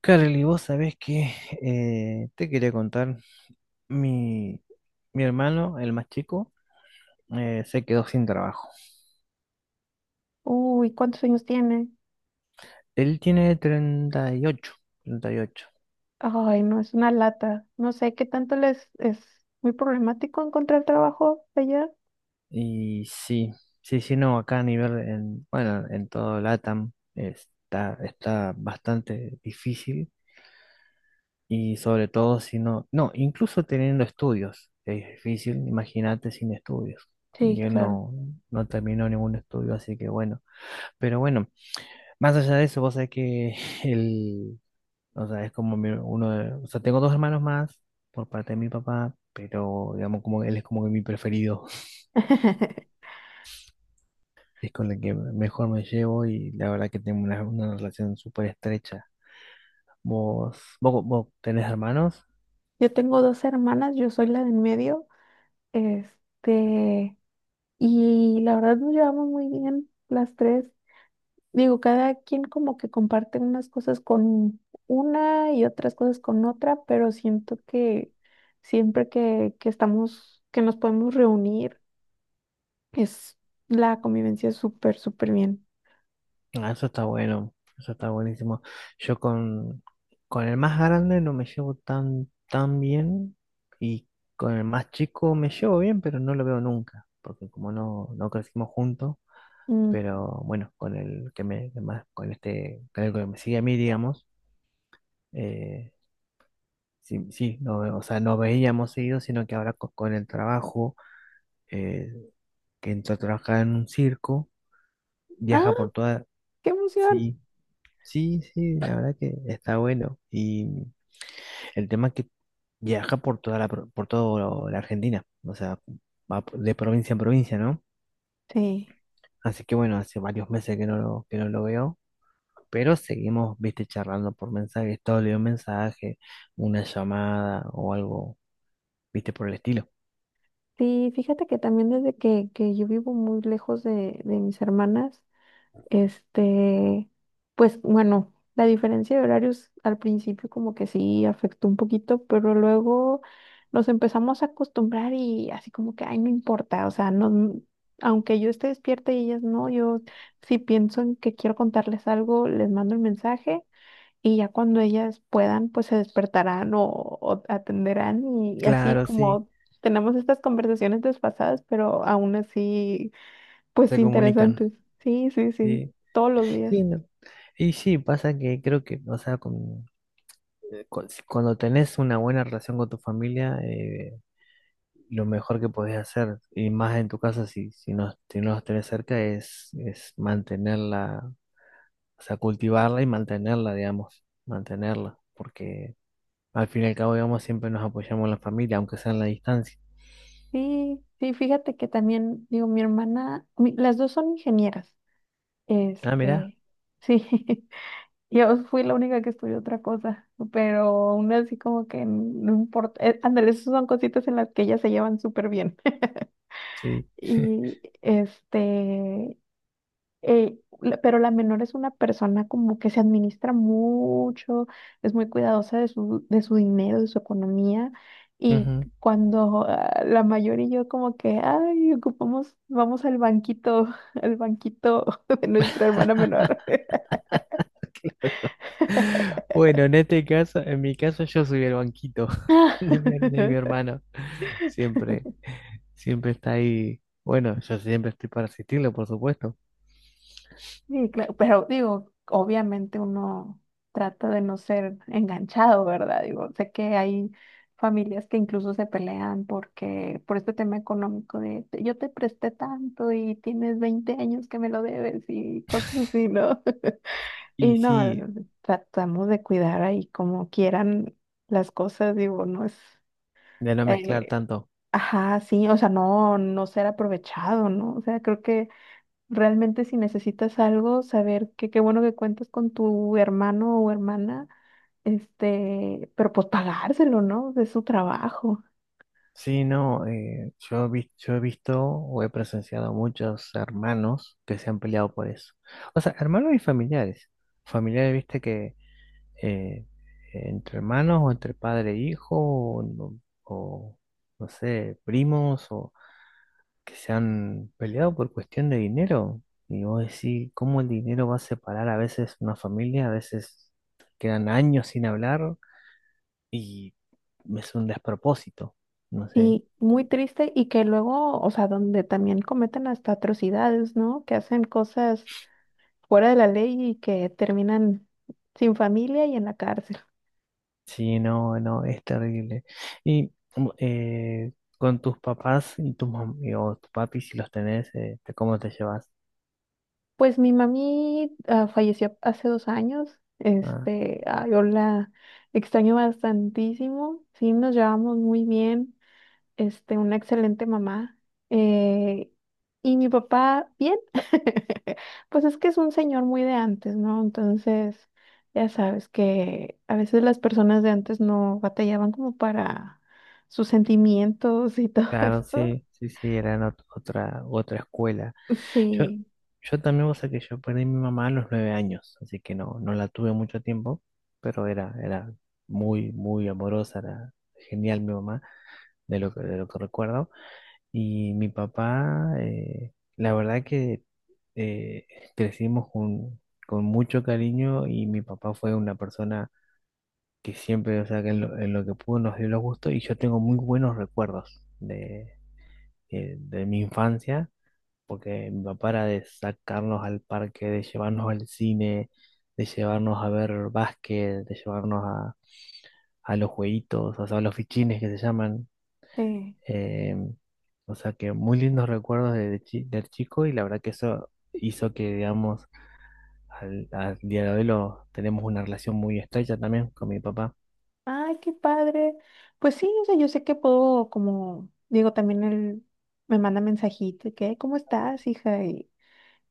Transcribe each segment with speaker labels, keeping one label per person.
Speaker 1: Carly, vos sabés que te quería contar, mi, mi hermano, el más chico, se quedó sin trabajo.
Speaker 2: Uy, ¿cuántos años tiene?
Speaker 1: Él tiene 38, 38.
Speaker 2: Ay, no, es una lata. No sé qué tanto les es muy problemático encontrar trabajo allá.
Speaker 1: Y sí, sí, sí, no, acá a nivel, en, bueno, en todo LATAM está, está bastante difícil. Y sobre todo si no, no, incluso teniendo estudios, es difícil, imagínate sin estudios.
Speaker 2: Sí,
Speaker 1: Yo
Speaker 2: claro.
Speaker 1: no, no terminó ningún estudio, así que bueno. Pero bueno. Más allá de eso, vos sabés que el, o sea, uno de, o sea, tengo dos hermanos más por parte de mi papá, pero digamos como él es como que mi preferido, es con el que mejor me llevo y la verdad que tengo una relación súper estrecha. Vos tenés hermanos.
Speaker 2: Yo tengo dos hermanas, yo soy la de en medio, este, y la verdad nos llevamos muy bien las tres. Digo, cada quien como que comparte unas cosas con una y otras cosas con otra, pero siento que siempre que estamos, que nos podemos reunir, Es la convivencia es súper, súper bien.
Speaker 1: Ah, eso está bueno, eso está buenísimo. Yo con el más grande no me llevo tan, tan bien y con el más chico me llevo bien, pero no lo veo nunca, porque como no, no crecimos juntos.
Speaker 2: Mm.
Speaker 1: Pero bueno, con este, con el que me sigue a mí, digamos, eh, sí, sí, no, o sea, no veíamos seguido, sino que ahora con el trabajo, eh, que entró a trabajar en un circo,
Speaker 2: Ah,
Speaker 1: viaja por toda,
Speaker 2: qué emoción.
Speaker 1: sí, sí, sí, la verdad que está bueno, y el tema es que viaja por toda la, por toda la Argentina, o sea, va de provincia en provincia, ¿no?
Speaker 2: Sí,
Speaker 1: Así que bueno, hace varios meses que que no lo veo. Pero seguimos, viste, charlando por mensajes, todo le un mensaje, una llamada o algo, viste, por el estilo.
Speaker 2: sí, fíjate que también desde que yo vivo muy lejos de mis hermanas, este, pues bueno, la diferencia de horarios al principio como que sí afectó un poquito, pero luego nos empezamos a acostumbrar y así como que, ay, no importa, o sea, no, aunque yo esté despierta y ellas no, yo si pienso en que quiero contarles algo, les mando el mensaje y ya cuando ellas puedan, pues se despertarán o atenderán y así
Speaker 1: Claro, sí,
Speaker 2: como tenemos estas conversaciones desfasadas, pero aún así pues
Speaker 1: se comunican.
Speaker 2: interesantes. Sí, sí, sí.
Speaker 1: Sí,
Speaker 2: Todos los
Speaker 1: sí,
Speaker 2: días.
Speaker 1: no. Y sí, pasa que creo que, o sea, cuando tenés una buena relación con tu familia, lo mejor que podés hacer, y más en tu casa si, si no, si no los tenés cerca, es mantenerla, o sea, cultivarla y mantenerla, digamos, mantenerla, porque al fin y al cabo, digamos, siempre nos apoyamos en la familia, aunque sea en la distancia.
Speaker 2: Sí, sí, fíjate que también, digo, mi hermana, las dos son ingenieras.
Speaker 1: Ah, mirá,
Speaker 2: Este, sí, yo fui la única que estudió otra cosa, pero aún así como que no importa. Ándale, esas son cositas en las que ellas se llevan súper bien.
Speaker 1: sí.
Speaker 2: Y este, pero la menor es una persona como que se administra mucho, es muy cuidadosa de su dinero, de su economía. Y
Speaker 1: Ujú.
Speaker 2: cuando la mayor y yo como que, ay, ocupamos, vamos al banquito, al banquito de nuestra hermana menor.
Speaker 1: Bueno, en este caso, en mi caso, yo soy el banquito de mi hermano. Siempre, siempre está ahí. Bueno, yo siempre estoy para asistirlo, por supuesto.
Speaker 2: Sí, claro, pero digo, obviamente uno trata de no ser enganchado, ¿verdad? Digo, sé que hay familias que incluso se pelean porque por este tema económico de yo te presté tanto y tienes 20 años que me lo debes y cosas así, ¿no?
Speaker 1: Y
Speaker 2: Y no,
Speaker 1: sí,
Speaker 2: tratamos de cuidar ahí como quieran las cosas, digo, no es,
Speaker 1: de no mezclar
Speaker 2: eh,
Speaker 1: tanto.
Speaker 2: ajá, sí, o sea, no, no ser aprovechado, ¿no? O sea, creo que realmente si necesitas algo, saber que qué bueno que cuentas con tu hermano o hermana, este, pero pues pagárselo, ¿no? De su trabajo.
Speaker 1: Sí, no, yo, yo he visto o he presenciado muchos hermanos que se han peleado por eso. O sea, hermanos y familiares. Familiares, viste, que eh, entre hermanos o entre padre e hijo o, no sé, primos o que se han peleado por cuestión de dinero. Y vos decís, ¿cómo el dinero va a separar a veces una familia? A veces quedan años sin hablar y es un despropósito. No sé,
Speaker 2: Y muy triste y que luego, o sea, donde también cometen hasta atrocidades, ¿no? Que hacen cosas fuera de la ley y que terminan sin familia y en la cárcel.
Speaker 1: sí, no, no, es terrible. Y con tus papás y tus mam- y- o tus papis, si los tenés, ¿cómo te llevas?
Speaker 2: Pues mi mami falleció hace 2 años,
Speaker 1: Ah,
Speaker 2: este, yo la extraño bastantísimo, sí, nos llevamos muy bien. Este, una excelente mamá. eh, y mi papá, bien. Pues es que es un señor muy de antes, ¿no? Entonces, ya sabes que a veces las personas de antes no batallaban como para sus sentimientos y todo
Speaker 1: claro,
Speaker 2: esto.
Speaker 1: sí, sí, sí, era otra, otra escuela. Yo,
Speaker 2: Sí,
Speaker 1: yo también, o sea, que yo perdí a mi mamá a los 9 años, así que no, no la tuve mucho tiempo, pero era, era muy, muy amorosa, era genial mi mamá, de lo que recuerdo. Y mi papá, la verdad que eh, crecimos con mucho cariño y mi papá fue una persona que siempre, o sea, que en lo que pudo nos dio los gustos y yo tengo muy buenos recuerdos de mi infancia, porque mi papá era de sacarnos al parque, de llevarnos al cine, de llevarnos a ver básquet, de llevarnos a los jueguitos, o sea, a los fichines que se llaman.
Speaker 2: sí.
Speaker 1: eh, o sea que muy lindos recuerdos de, del chico y la verdad que eso hizo que, digamos, al, al día de hoy lo, tenemos una relación muy estrecha también con mi papá.
Speaker 2: Ay, qué padre. Pues sí, o sea, yo sé que puedo, como digo, también él me manda mensajito, y que, ¿cómo estás, hija?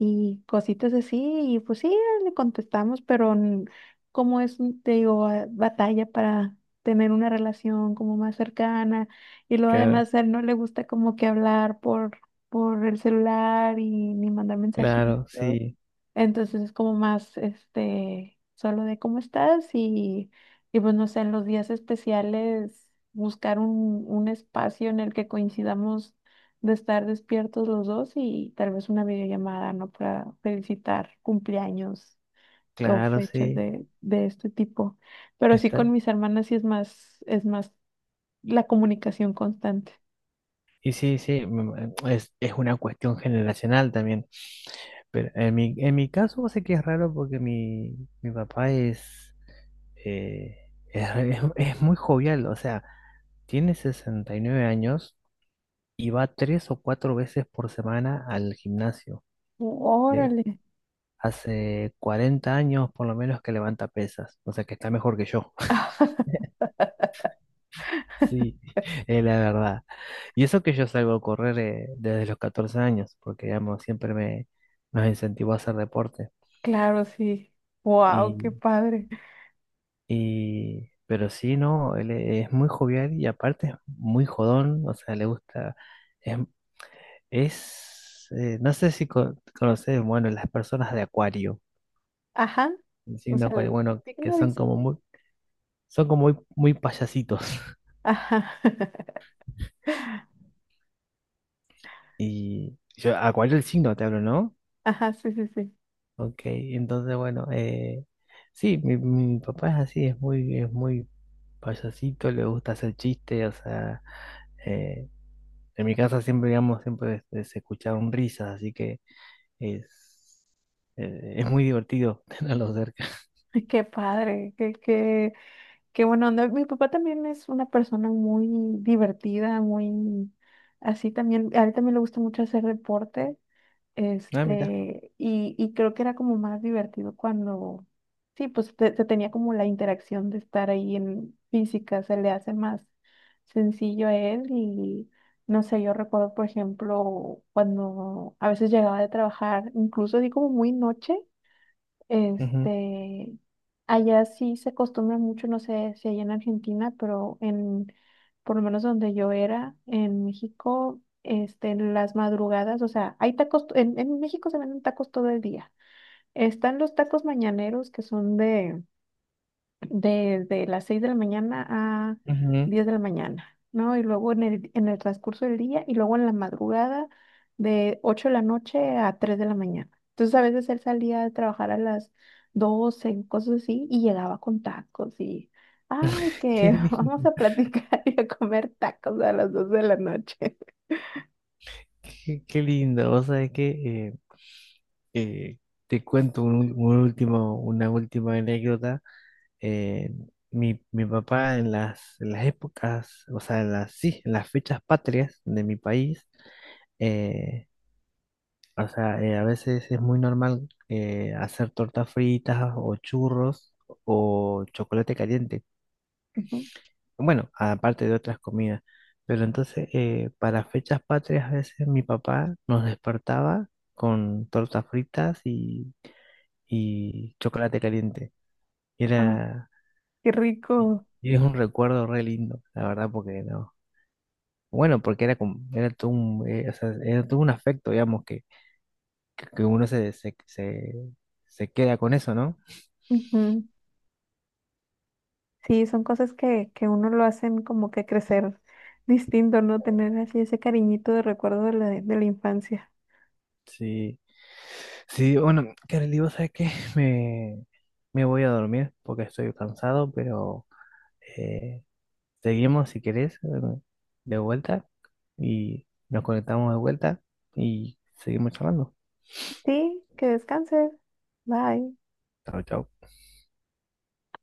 Speaker 2: Y cositas así, y pues sí, le contestamos, pero como es, te digo, batalla para tener una relación como más cercana, y luego
Speaker 1: Claro,
Speaker 2: además a él no le gusta como que hablar por el celular y ni mandar
Speaker 1: claro,
Speaker 2: mensajitos.
Speaker 1: sí,
Speaker 2: Entonces es como más, este, solo de cómo estás y pues no sé, en los días especiales buscar un espacio en el que coincidamos de estar despiertos los dos y tal vez una videollamada, ¿no? Para felicitar cumpleaños o
Speaker 1: claro,
Speaker 2: fechas
Speaker 1: sí.
Speaker 2: de este tipo. Pero sí con
Speaker 1: Está,
Speaker 2: mis hermanas sí es más la comunicación constante.
Speaker 1: y sí, sí, es una cuestión generacional también. Pero en mi caso sé que es raro porque mi papá eh, es, es muy jovial, o sea, tiene 69 años y va tres o cuatro veces por semana al gimnasio. Le-
Speaker 2: Órale.
Speaker 1: hace 40 años por lo menos que levanta pesas, o sea que está mejor que yo. Sí, es la verdad. Y eso que yo salgo a correr desde los 14 años, porque digamos, siempre me nos incentivó a hacer deporte.
Speaker 2: Claro, sí. Wow, qué
Speaker 1: Y,
Speaker 2: padre.
Speaker 1: pero sí, no, él es muy jovial y aparte es muy jodón, o sea, le gusta, es, es, no sé si conoces, bueno, las personas de Acuario,
Speaker 2: Ajá.
Speaker 1: el
Speaker 2: O
Speaker 1: signo
Speaker 2: sea,
Speaker 1: Acuario,
Speaker 2: el-
Speaker 1: bueno,
Speaker 2: ¿sí que
Speaker 1: que
Speaker 2: lo dice?
Speaker 1: son como muy, muy payasitos.
Speaker 2: Ajá.
Speaker 1: Y yo, Acuario el signo te hablo, ¿no?
Speaker 2: Ajá, sí, sí, sí.
Speaker 1: Ok, entonces bueno, sí, mi papá es así, es muy payasito, le gusta hacer chistes, o sea, eh, en mi casa siempre, digamos, siempre se escucharon risas, así que es, es muy divertido tenerlo cerca.
Speaker 2: Ay, qué padre, qué, qué, qué buena onda. Mi papá también es una persona muy divertida, muy así también. A él también le gusta mucho hacer deporte.
Speaker 1: Ah, mira.
Speaker 2: Este, y creo que era como más divertido cuando, sí, pues se tenía como la interacción de estar ahí en física, se le hace más sencillo a él y no sé, yo recuerdo, por ejemplo, cuando a veces llegaba de trabajar, incluso así como muy noche.
Speaker 1: Ujú,
Speaker 2: Este, allá sí se acostumbra mucho, no sé si allá en Argentina, pero en, por lo menos donde yo era, en México, este, en las madrugadas, o sea, hay tacos, en México se venden tacos todo el día. Están los tacos mañaneros que son de desde las 6 de la mañana a
Speaker 1: ujú.
Speaker 2: 10 de la mañana, ¿no? Y luego en el transcurso del día y luego en la madrugada de 8 de la noche a 3 de la mañana. Entonces a veces él salía de trabajar a las 12 cosas así, y llegaba con tacos y, ay, que
Speaker 1: Qué lindo,
Speaker 2: vamos a platicar y a comer tacos a las 12 de la noche.
Speaker 1: qué, qué lindo. Vos sabés que eh, eh, te cuento un último, una última anécdota. eh, mi, mi papá en las épocas, o sea, en las, sí, en las fechas patrias de mi país, eh, o sea, a veces es muy normal hacer tortas fritas o churros o chocolate caliente.
Speaker 2: Ujú.
Speaker 1: Bueno, aparte de otras comidas. Pero entonces, para fechas patrias, a veces mi papá nos despertaba con tortas fritas y chocolate caliente.
Speaker 2: Ah,
Speaker 1: Era,
Speaker 2: qué
Speaker 1: Y
Speaker 2: rico.
Speaker 1: y es un recuerdo re lindo, la verdad, porque no. Bueno, porque era como, era todo un, o sea, era todo un afecto, digamos, que, que uno se, se, se, se queda con eso, ¿no?
Speaker 2: Ujú. Sí, son cosas que uno lo hacen como que crecer distinto, ¿no? Tener así ese cariñito de recuerdo de la infancia.
Speaker 1: Sí, sí, bueno, Kareli, vos sabés que me, me voy a dormir porque estoy cansado, pero eh, seguimos si querés de vuelta y nos conectamos de vuelta y seguimos charlando.
Speaker 2: Sí, que descanses. Bye.
Speaker 1: Chao, chao.